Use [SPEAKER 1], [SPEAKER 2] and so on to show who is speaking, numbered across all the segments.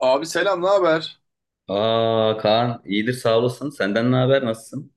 [SPEAKER 1] Abi selam, ne haber?
[SPEAKER 2] Aa Kaan iyidir sağ olasın. Senden ne haber? Nasılsın?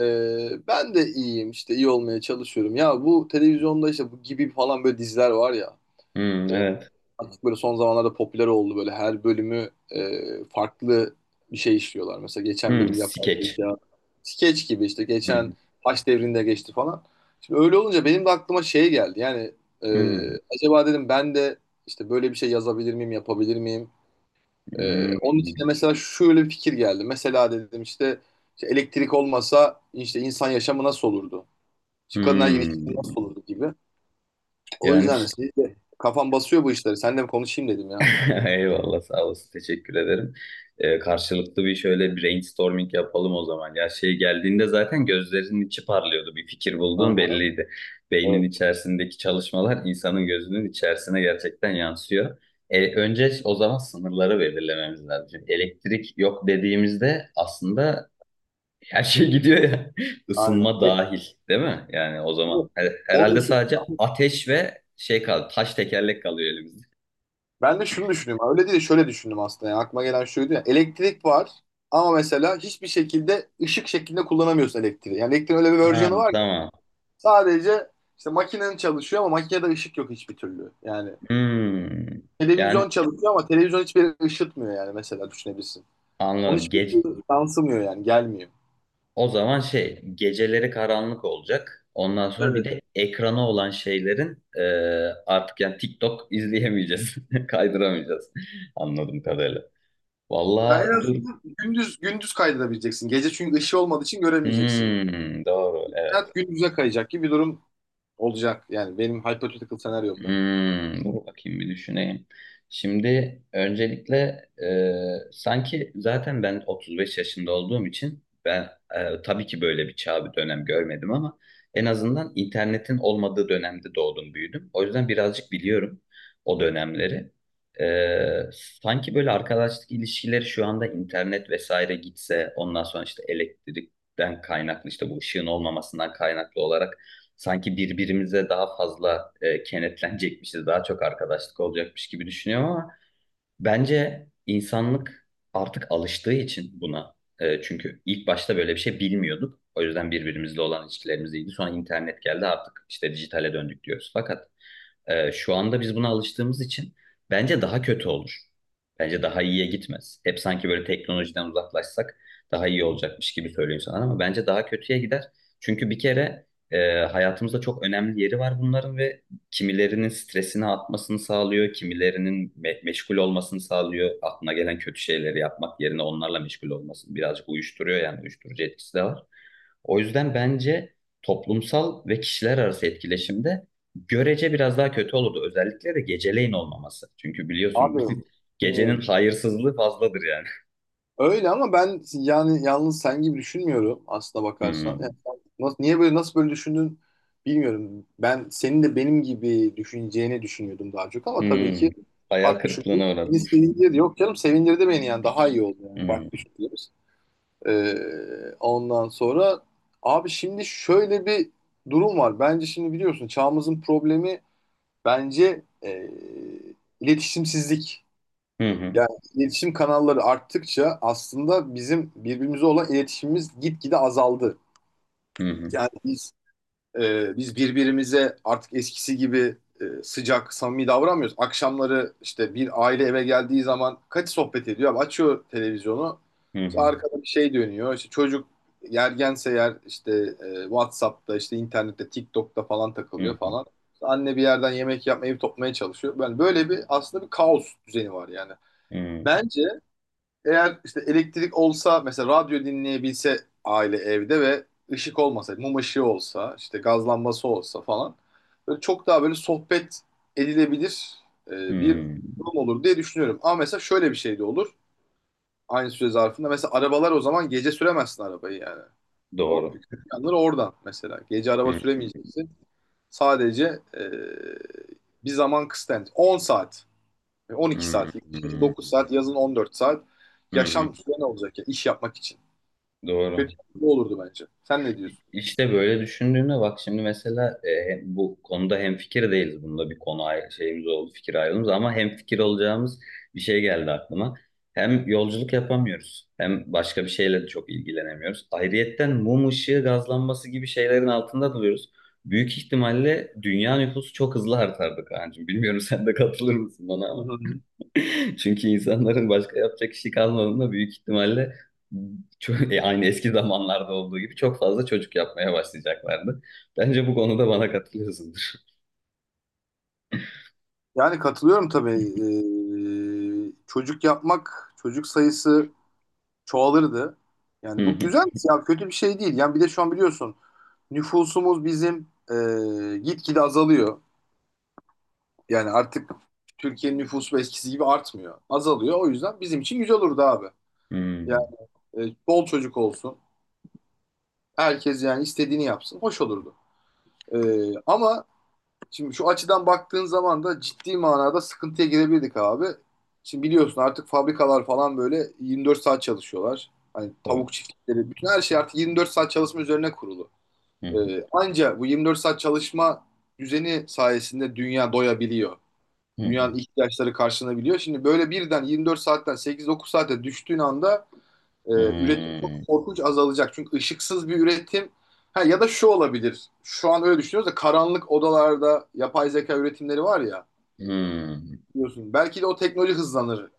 [SPEAKER 1] Ben de iyiyim işte iyi olmaya çalışıyorum. Ya bu televizyonda işte bu gibi falan böyle diziler var ya.
[SPEAKER 2] Hmm,
[SPEAKER 1] e,
[SPEAKER 2] evet.
[SPEAKER 1] artık böyle son zamanlarda popüler oldu böyle her bölümü farklı bir şey işliyorlar. Mesela geçen
[SPEAKER 2] Hmm,
[SPEAKER 1] bölüm yapay
[SPEAKER 2] skeç.
[SPEAKER 1] zeka, skeç gibi işte
[SPEAKER 2] Hmm,
[SPEAKER 1] geçen Haç devrinde geçti falan. Şimdi öyle olunca benim de aklıma şey geldi. Yani e,
[SPEAKER 2] hmm,
[SPEAKER 1] acaba dedim ben de işte böyle bir şey yazabilir miyim, yapabilir miyim? Ee,
[SPEAKER 2] hmm,
[SPEAKER 1] onun için de mesela şöyle bir fikir geldi. Mesela dedim işte, işte elektrik olmasa işte insan yaşamı nasıl olurdu? İşte kadınlar ilişkisi
[SPEAKER 2] hmm.
[SPEAKER 1] nasıl olurdu gibi. O
[SPEAKER 2] Yani
[SPEAKER 1] yüzden de siz de kafam basıyor bu işleri. Seninle bir konuşayım dedim ya.
[SPEAKER 2] eyvallah sağ olasın. Teşekkür ederim. Karşılıklı bir şöyle brainstorming yapalım o zaman. Ya şey geldiğinde zaten gözlerinin içi parlıyordu. Bir fikir bulduğun
[SPEAKER 1] Aha,
[SPEAKER 2] belliydi. Beynin
[SPEAKER 1] evet.
[SPEAKER 2] içerisindeki çalışmalar insanın gözünün içerisine gerçekten yansıyor. Önce o zaman sınırları belirlememiz lazım. Elektrik yok dediğimizde aslında her şey gidiyor ya.
[SPEAKER 1] Aynen.
[SPEAKER 2] Isınma
[SPEAKER 1] E,
[SPEAKER 2] dahil, değil mi? Yani o zaman
[SPEAKER 1] onu
[SPEAKER 2] herhalde
[SPEAKER 1] düşündüm.
[SPEAKER 2] sadece ateş ve şey kaldı. Taş tekerlek kalıyor elimizde.
[SPEAKER 1] Ben de şunu düşünüyorum. Öyle değil de şöyle düşündüm aslında. Yani aklıma gelen şuydu ya. Elektrik var ama mesela hiçbir şekilde ışık şeklinde kullanamıyorsun elektriği. Yani elektriğin öyle bir
[SPEAKER 2] Ha,
[SPEAKER 1] versiyonu var ki
[SPEAKER 2] tamam.
[SPEAKER 1] sadece işte makinen çalışıyor ama makinede ışık yok hiçbir türlü. Yani
[SPEAKER 2] Hmm. Yani
[SPEAKER 1] televizyon çalışıyor ama televizyon hiçbir yere ışıtmıyor yani mesela düşünebilirsin. Onun
[SPEAKER 2] anladım.
[SPEAKER 1] hiçbir şey yansımıyor yani gelmiyor.
[SPEAKER 2] O zaman şey geceleri karanlık olacak. Ondan sonra bir
[SPEAKER 1] Evet.
[SPEAKER 2] de ekrana olan şeylerin artık yani TikTok izleyemeyeceğiz. Kaydıramayacağız. Anladım kadarıyla.
[SPEAKER 1] Yani en
[SPEAKER 2] Vallahi dur.
[SPEAKER 1] azından gündüz gündüz kaydedebileceksin. Gece çünkü ışığı olmadığı için göremeyeceksin.
[SPEAKER 2] Doğru. Evet.
[SPEAKER 1] Hayat gündüze kayacak gibi bir durum olacak yani benim hypothetical senaryomda.
[SPEAKER 2] Dur bakayım bir düşüneyim. Şimdi öncelikle sanki zaten ben 35 yaşında olduğum için ben tabii ki böyle bir çağ bir dönem görmedim ama en azından internetin olmadığı dönemde doğdum büyüdüm. O yüzden birazcık biliyorum o dönemleri. E, sanki böyle arkadaşlık ilişkileri şu anda internet vesaire gitse ondan sonra işte elektrikten kaynaklı işte bu ışığın olmamasından kaynaklı olarak sanki birbirimize daha fazla kenetlenecekmişiz, daha çok arkadaşlık olacakmış gibi düşünüyorum ama bence insanlık artık alıştığı için buna. Çünkü ilk başta böyle bir şey bilmiyorduk. O yüzden birbirimizle olan ilişkilerimiz iyiydi. Sonra internet geldi artık işte dijitale döndük diyoruz. Fakat şu anda biz buna alıştığımız için bence daha kötü olur. Bence daha iyiye gitmez. Hep sanki böyle teknolojiden uzaklaşsak daha iyi olacakmış gibi söylüyor sana ama bence daha kötüye gider. Çünkü bir kere hayatımızda çok önemli yeri var bunların ve kimilerinin stresini atmasını sağlıyor, kimilerinin meşgul olmasını sağlıyor. Aklına gelen kötü şeyleri yapmak yerine onlarla meşgul olmasını birazcık uyuşturuyor yani uyuşturucu etkisi de var. O yüzden bence toplumsal ve kişiler arası etkileşimde görece biraz daha kötü olurdu. Özellikle de geceleyin olmaması. Çünkü biliyorsun
[SPEAKER 1] Abi
[SPEAKER 2] gecenin
[SPEAKER 1] bilmiyorum.
[SPEAKER 2] hayırsızlığı fazladır yani.
[SPEAKER 1] Öyle ama ben yani yalnız sen gibi düşünmüyorum aslına bakarsan. Yani
[SPEAKER 2] Hmm.
[SPEAKER 1] sen nasıl, niye böyle nasıl böyle düşündün bilmiyorum. Ben senin de benim gibi düşüneceğini düşünüyordum daha çok ama tabii
[SPEAKER 2] Hmm.
[SPEAKER 1] ki
[SPEAKER 2] Hayal
[SPEAKER 1] farklı düşündüm.
[SPEAKER 2] kırıklığına uğradım.
[SPEAKER 1] Beni sevindirdi. Yok canım sevindirdi beni yani daha iyi oldu yani
[SPEAKER 2] Hmm.
[SPEAKER 1] farklı düşündüğümüz. Ondan sonra abi şimdi şöyle bir durum var. Bence şimdi biliyorsun çağımızın problemi bence iletişimsizlik.
[SPEAKER 2] Hı hı.
[SPEAKER 1] Yani iletişim kanalları arttıkça aslında bizim birbirimize olan iletişimimiz gitgide azaldı.
[SPEAKER 2] Hı hı.
[SPEAKER 1] Yani biz birbirimize artık eskisi gibi sıcak, samimi davranmıyoruz. Akşamları işte bir aile eve geldiği zaman kaç sohbet ediyor? Abi açıyor televizyonu.
[SPEAKER 2] Hı
[SPEAKER 1] İşte
[SPEAKER 2] hı.
[SPEAKER 1] arkada bir şey dönüyor. İşte çocuk yergense yer işte WhatsApp'ta, işte internette, TikTok'ta falan
[SPEAKER 2] Hı
[SPEAKER 1] takılıyor
[SPEAKER 2] hı.
[SPEAKER 1] falan. İşte anne bir yerden yemek yapmayı toplamaya çalışıyor. Yani böyle bir aslında bir kaos düzeni var yani.
[SPEAKER 2] Hı
[SPEAKER 1] Bence eğer işte elektrik olsa mesela radyo dinleyebilse aile evde ve ışık olmasa, mum ışığı olsa, işte gaz lambası olsa falan böyle çok daha böyle sohbet edilebilir
[SPEAKER 2] hı.
[SPEAKER 1] bir
[SPEAKER 2] Hı.
[SPEAKER 1] durum olur diye düşünüyorum. Ama mesela şöyle bir şey de olur aynı süre zarfında. Mesela arabalar o zaman gece süremezsin arabayı yani. O
[SPEAKER 2] Doğru.
[SPEAKER 1] yanları oradan mesela. Gece araba
[SPEAKER 2] Hı hı,
[SPEAKER 1] süremeyeceksin. Sadece e, bir zaman kısıtlı. 10 saat. 12
[SPEAKER 2] hı
[SPEAKER 1] saat, kışın
[SPEAKER 2] hı,
[SPEAKER 1] 9 saat, yazın 14 saat
[SPEAKER 2] hı hı.
[SPEAKER 1] yaşam süren olacak ya iş yapmak için.
[SPEAKER 2] Doğru.
[SPEAKER 1] Kötü bu olurdu bence. Sen ne diyorsun?
[SPEAKER 2] İşte böyle düşündüğümde bak şimdi mesela bu konuda hemfikir değiliz. Bunda bir konu ayrı, şeyimiz oldu, fikir ayrılığımız ama hemfikir olacağımız bir şey geldi aklıma. Hem yolculuk yapamıyoruz hem başka bir şeyle de çok ilgilenemiyoruz. Ayrıyetten mum ışığı gazlanması gibi şeylerin altında duruyoruz. Büyük ihtimalle dünya nüfusu çok hızlı artardı kancım. Bilmiyorum sen de katılır mısın bana
[SPEAKER 1] Hı
[SPEAKER 2] ama.
[SPEAKER 1] hı.
[SPEAKER 2] Çünkü insanların başka yapacak işi kalmadığında büyük ihtimalle çok, aynı eski zamanlarda olduğu gibi çok fazla çocuk yapmaya başlayacaklardı. Bence bu konuda bana katılıyorsundur.
[SPEAKER 1] Yani katılıyorum tabii. Çocuk yapmak, çocuk sayısı çoğalırdı.
[SPEAKER 2] Hı
[SPEAKER 1] Yani bu
[SPEAKER 2] hı.
[SPEAKER 1] güzel ya kötü bir şey değil. Yani bir de şu an biliyorsun nüfusumuz bizim gitgide azalıyor. Yani artık Türkiye'nin nüfusu eskisi gibi artmıyor. Azalıyor. O yüzden bizim için güzel olurdu abi. Yani
[SPEAKER 2] Hmm.
[SPEAKER 1] bol çocuk olsun. Herkes yani istediğini yapsın. Hoş olurdu. Ama şimdi şu açıdan baktığın zaman da ciddi manada sıkıntıya girebildik abi. Şimdi biliyorsun artık fabrikalar falan böyle 24 saat çalışıyorlar. Hani
[SPEAKER 2] Tabii.
[SPEAKER 1] tavuk çiftlikleri, bütün her şey artık 24 saat çalışma üzerine kurulu.
[SPEAKER 2] Hı hı.
[SPEAKER 1] Anca bu 24 saat çalışma düzeni sayesinde dünya doyabiliyor.
[SPEAKER 2] Hı hı.
[SPEAKER 1] Dünyanın ihtiyaçları karşılanabiliyor. Şimdi böyle birden 24 saatten 8-9 saate düştüğün anda ee, üretim
[SPEAKER 2] Hmm.
[SPEAKER 1] çok korkunç azalacak. Çünkü ışıksız bir üretim ha, ya da şu olabilir. Şu an öyle düşünüyoruz da karanlık odalarda yapay zeka üretimleri var ya
[SPEAKER 2] Hmm.
[SPEAKER 1] biliyorsun. Belki de o teknoloji hızlanır.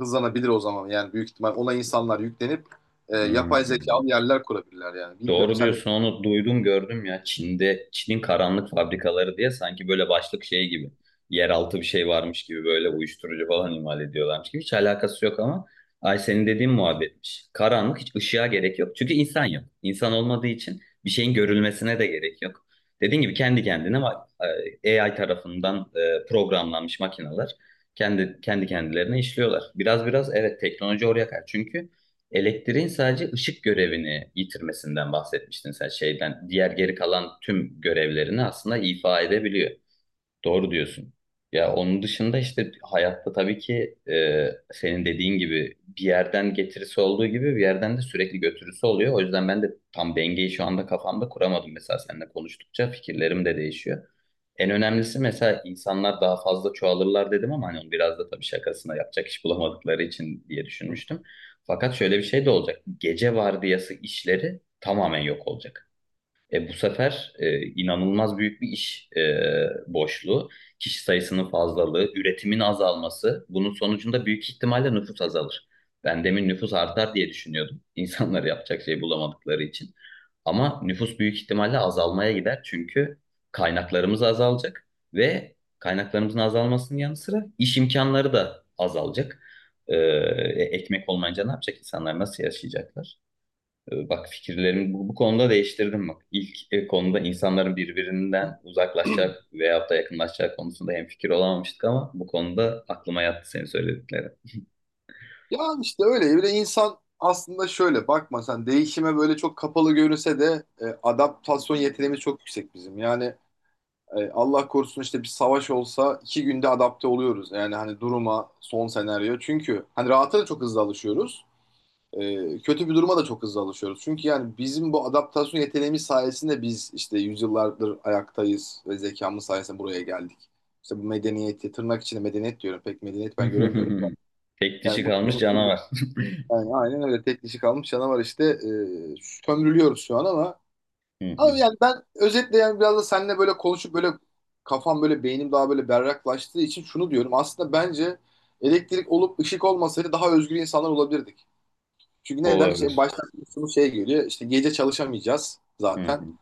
[SPEAKER 1] Hızlanabilir o zaman yani büyük ihtimal ona insanlar yüklenip yapay
[SPEAKER 2] Hmm.
[SPEAKER 1] zekalı yerler kurabilirler yani. Bilmiyorum
[SPEAKER 2] Doğru
[SPEAKER 1] sen de
[SPEAKER 2] diyorsun onu duydum gördüm ya Çin'de Çin'in karanlık fabrikaları diye sanki böyle başlık şey gibi yeraltı bir şey varmış gibi böyle uyuşturucu falan imal ediyorlarmış gibi hiç alakası yok ama ay senin dediğin muhabbetmiş. Karanlık hiç ışığa gerek yok çünkü insan yok. İnsan olmadığı için bir şeyin görülmesine de gerek yok. Dediğin gibi kendi kendine AI tarafından programlanmış makineler kendi kendilerine işliyorlar. Biraz biraz evet teknoloji oraya kadar çünkü elektriğin sadece ışık görevini yitirmesinden bahsetmiştin sen şeyden. Diğer geri kalan tüm görevlerini aslında ifa edebiliyor. Doğru diyorsun. Ya onun dışında işte hayatta tabii ki senin dediğin gibi bir yerden getirisi olduğu gibi bir yerden de sürekli götürüsü oluyor. O yüzden ben de tam dengeyi şu anda kafamda kuramadım. Mesela seninle konuştukça fikirlerim de değişiyor. En önemlisi mesela insanlar daha fazla çoğalırlar dedim ama hani onu biraz da tabii şakasına yapacak iş bulamadıkları için diye düşünmüştüm. Fakat şöyle bir şey de olacak. Gece vardiyası işleri tamamen yok olacak. Bu sefer inanılmaz büyük bir iş boşluğu, kişi sayısının fazlalığı, üretimin azalması. Bunun sonucunda büyük ihtimalle nüfus azalır. Ben demin nüfus artar diye düşünüyordum. İnsanlar yapacak şey bulamadıkları için. Ama nüfus büyük ihtimalle azalmaya gider çünkü kaynaklarımız azalacak ve kaynaklarımızın azalmasının yanı sıra iş imkanları da azalacak. Ekmek olmayınca ne yapacak insanlar, nasıl yaşayacaklar? Bak fikirlerimi bu konuda değiştirdim bak. İlk konuda insanların birbirinden uzaklaşacak veyahut da yakınlaşacak konusunda hemfikir olamamıştık ama bu konuda aklıma yattı senin söylediklerin.
[SPEAKER 1] ya işte öyle bir de insan aslında şöyle bakma sen değişime böyle çok kapalı görünse de adaptasyon yeteneğimiz çok yüksek bizim. Yani Allah korusun işte bir savaş olsa 2 günde adapte oluyoruz. Yani hani duruma, son senaryo. Çünkü hani rahata da çok hızlı alışıyoruz. Kötü bir duruma da çok hızlı alışıyoruz. Çünkü yani bizim bu adaptasyon yeteneğimiz sayesinde biz işte yüzyıllardır ayaktayız ve zekamız sayesinde buraya geldik. İşte bu medeniyeti, tırnak içinde medeniyet diyorum. Pek medeniyet ben göremiyorum.
[SPEAKER 2] Tek dişi
[SPEAKER 1] Yani bu
[SPEAKER 2] kalmış canavar.
[SPEAKER 1] yani aynen öyle tek dişi kalmış canavar işte sömürülüyoruz şu an ama
[SPEAKER 2] Hı
[SPEAKER 1] abi
[SPEAKER 2] hı.
[SPEAKER 1] yani ben özetle yani biraz da seninle böyle konuşup böyle kafam böyle beynim daha böyle berraklaştığı için şunu diyorum. Aslında bence elektrik olup ışık olmasaydı daha özgür insanlar olabilirdik. Çünkü neden? Şey,
[SPEAKER 2] Olabilir.
[SPEAKER 1] baştan şunu şey geliyor. İşte gece çalışamayacağız
[SPEAKER 2] Hı
[SPEAKER 1] zaten.
[SPEAKER 2] hı.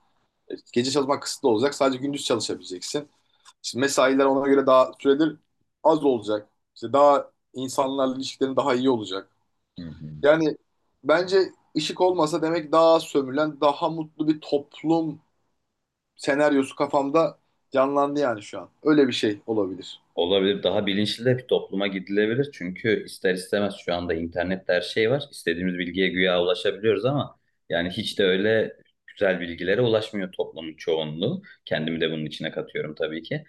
[SPEAKER 1] Gece çalışmak kısıtlı olacak. Sadece gündüz çalışabileceksin. İşte mesailer ona göre daha süredir az olacak. İşte daha insanlarla ilişkilerin daha iyi olacak.
[SPEAKER 2] Hı hı.
[SPEAKER 1] Yani bence ışık olmasa demek daha az sömürülen, daha mutlu bir toplum senaryosu kafamda canlandı yani şu an. Öyle bir şey olabilir.
[SPEAKER 2] Olabilir. Daha bilinçli de bir topluma gidilebilir. Çünkü ister istemez şu anda internette her şey var. İstediğimiz bilgiye güya ulaşabiliyoruz ama yani hiç de öyle güzel bilgilere ulaşmıyor toplumun çoğunluğu. Kendimi de bunun içine katıyorum tabii ki.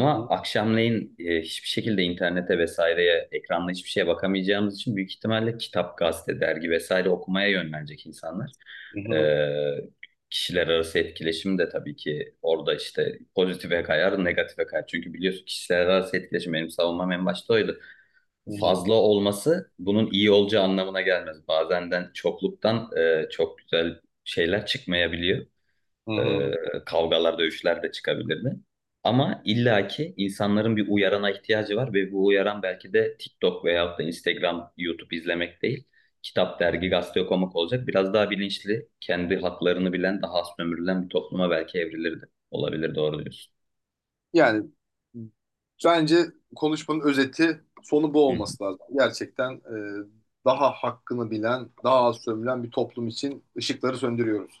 [SPEAKER 1] Hı hı,
[SPEAKER 2] akşamleyin hiçbir şekilde internete vesaireye, ekranla hiçbir şeye bakamayacağımız için büyük ihtimalle kitap, gazete, dergi vesaire okumaya yönlenecek insanlar.
[SPEAKER 1] hı hı,
[SPEAKER 2] Ee, kişiler arası etkileşim de tabii ki orada işte pozitife kayar, negatife kayar. Çünkü biliyorsun kişiler arası etkileşim benim savunmam en başta oydu.
[SPEAKER 1] hı hı,
[SPEAKER 2] Fazla olması bunun iyi olacağı anlamına gelmez. Bazenden çokluktan çok güzel şeyler çıkmayabiliyor.
[SPEAKER 1] hı
[SPEAKER 2] Ee,
[SPEAKER 1] hı.
[SPEAKER 2] kavgalar, dövüşler de çıkabilirdi. Ama illaki insanların bir uyarana ihtiyacı var ve bu uyaran belki de TikTok veyahut da Instagram, YouTube izlemek değil. Kitap, dergi, gazete okumak olacak. Biraz daha bilinçli, kendi haklarını bilen, daha az sömürülen bir topluma belki evrilirdi. Olabilir, doğru diyorsun.
[SPEAKER 1] Yani bence konuşmanın özeti sonu bu
[SPEAKER 2] Hı hı.
[SPEAKER 1] olması lazım. Gerçekten daha hakkını bilen, daha az sömülen bir toplum için ışıkları söndürüyoruz.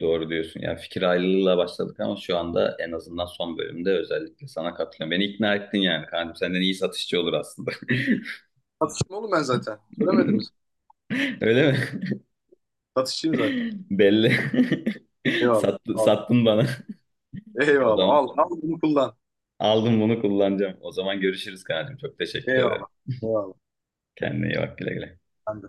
[SPEAKER 2] Doğru diyorsun. Yani fikir ayrılığıyla başladık ama şu anda en azından son bölümde özellikle sana katılıyorum. Beni ikna ettin yani. Kanka senden iyi satışçı olur aslında.
[SPEAKER 1] Satışım oğlum ben zaten. Söylemedim mi?
[SPEAKER 2] Öyle mi?
[SPEAKER 1] Satışçıyım zaten.
[SPEAKER 2] Belli.
[SPEAKER 1] Eyvallah.
[SPEAKER 2] Sattı,
[SPEAKER 1] Al.
[SPEAKER 2] sattın bana. O
[SPEAKER 1] Eyvallah.
[SPEAKER 2] zaman
[SPEAKER 1] Al. Al bunu kullan.
[SPEAKER 2] aldım bunu kullanacağım. O zaman görüşürüz kancım. Çok teşekkür ederim.
[SPEAKER 1] Eyvallah. Eyvallah.
[SPEAKER 2] Kendine iyi bak güle güle.
[SPEAKER 1] Ben de.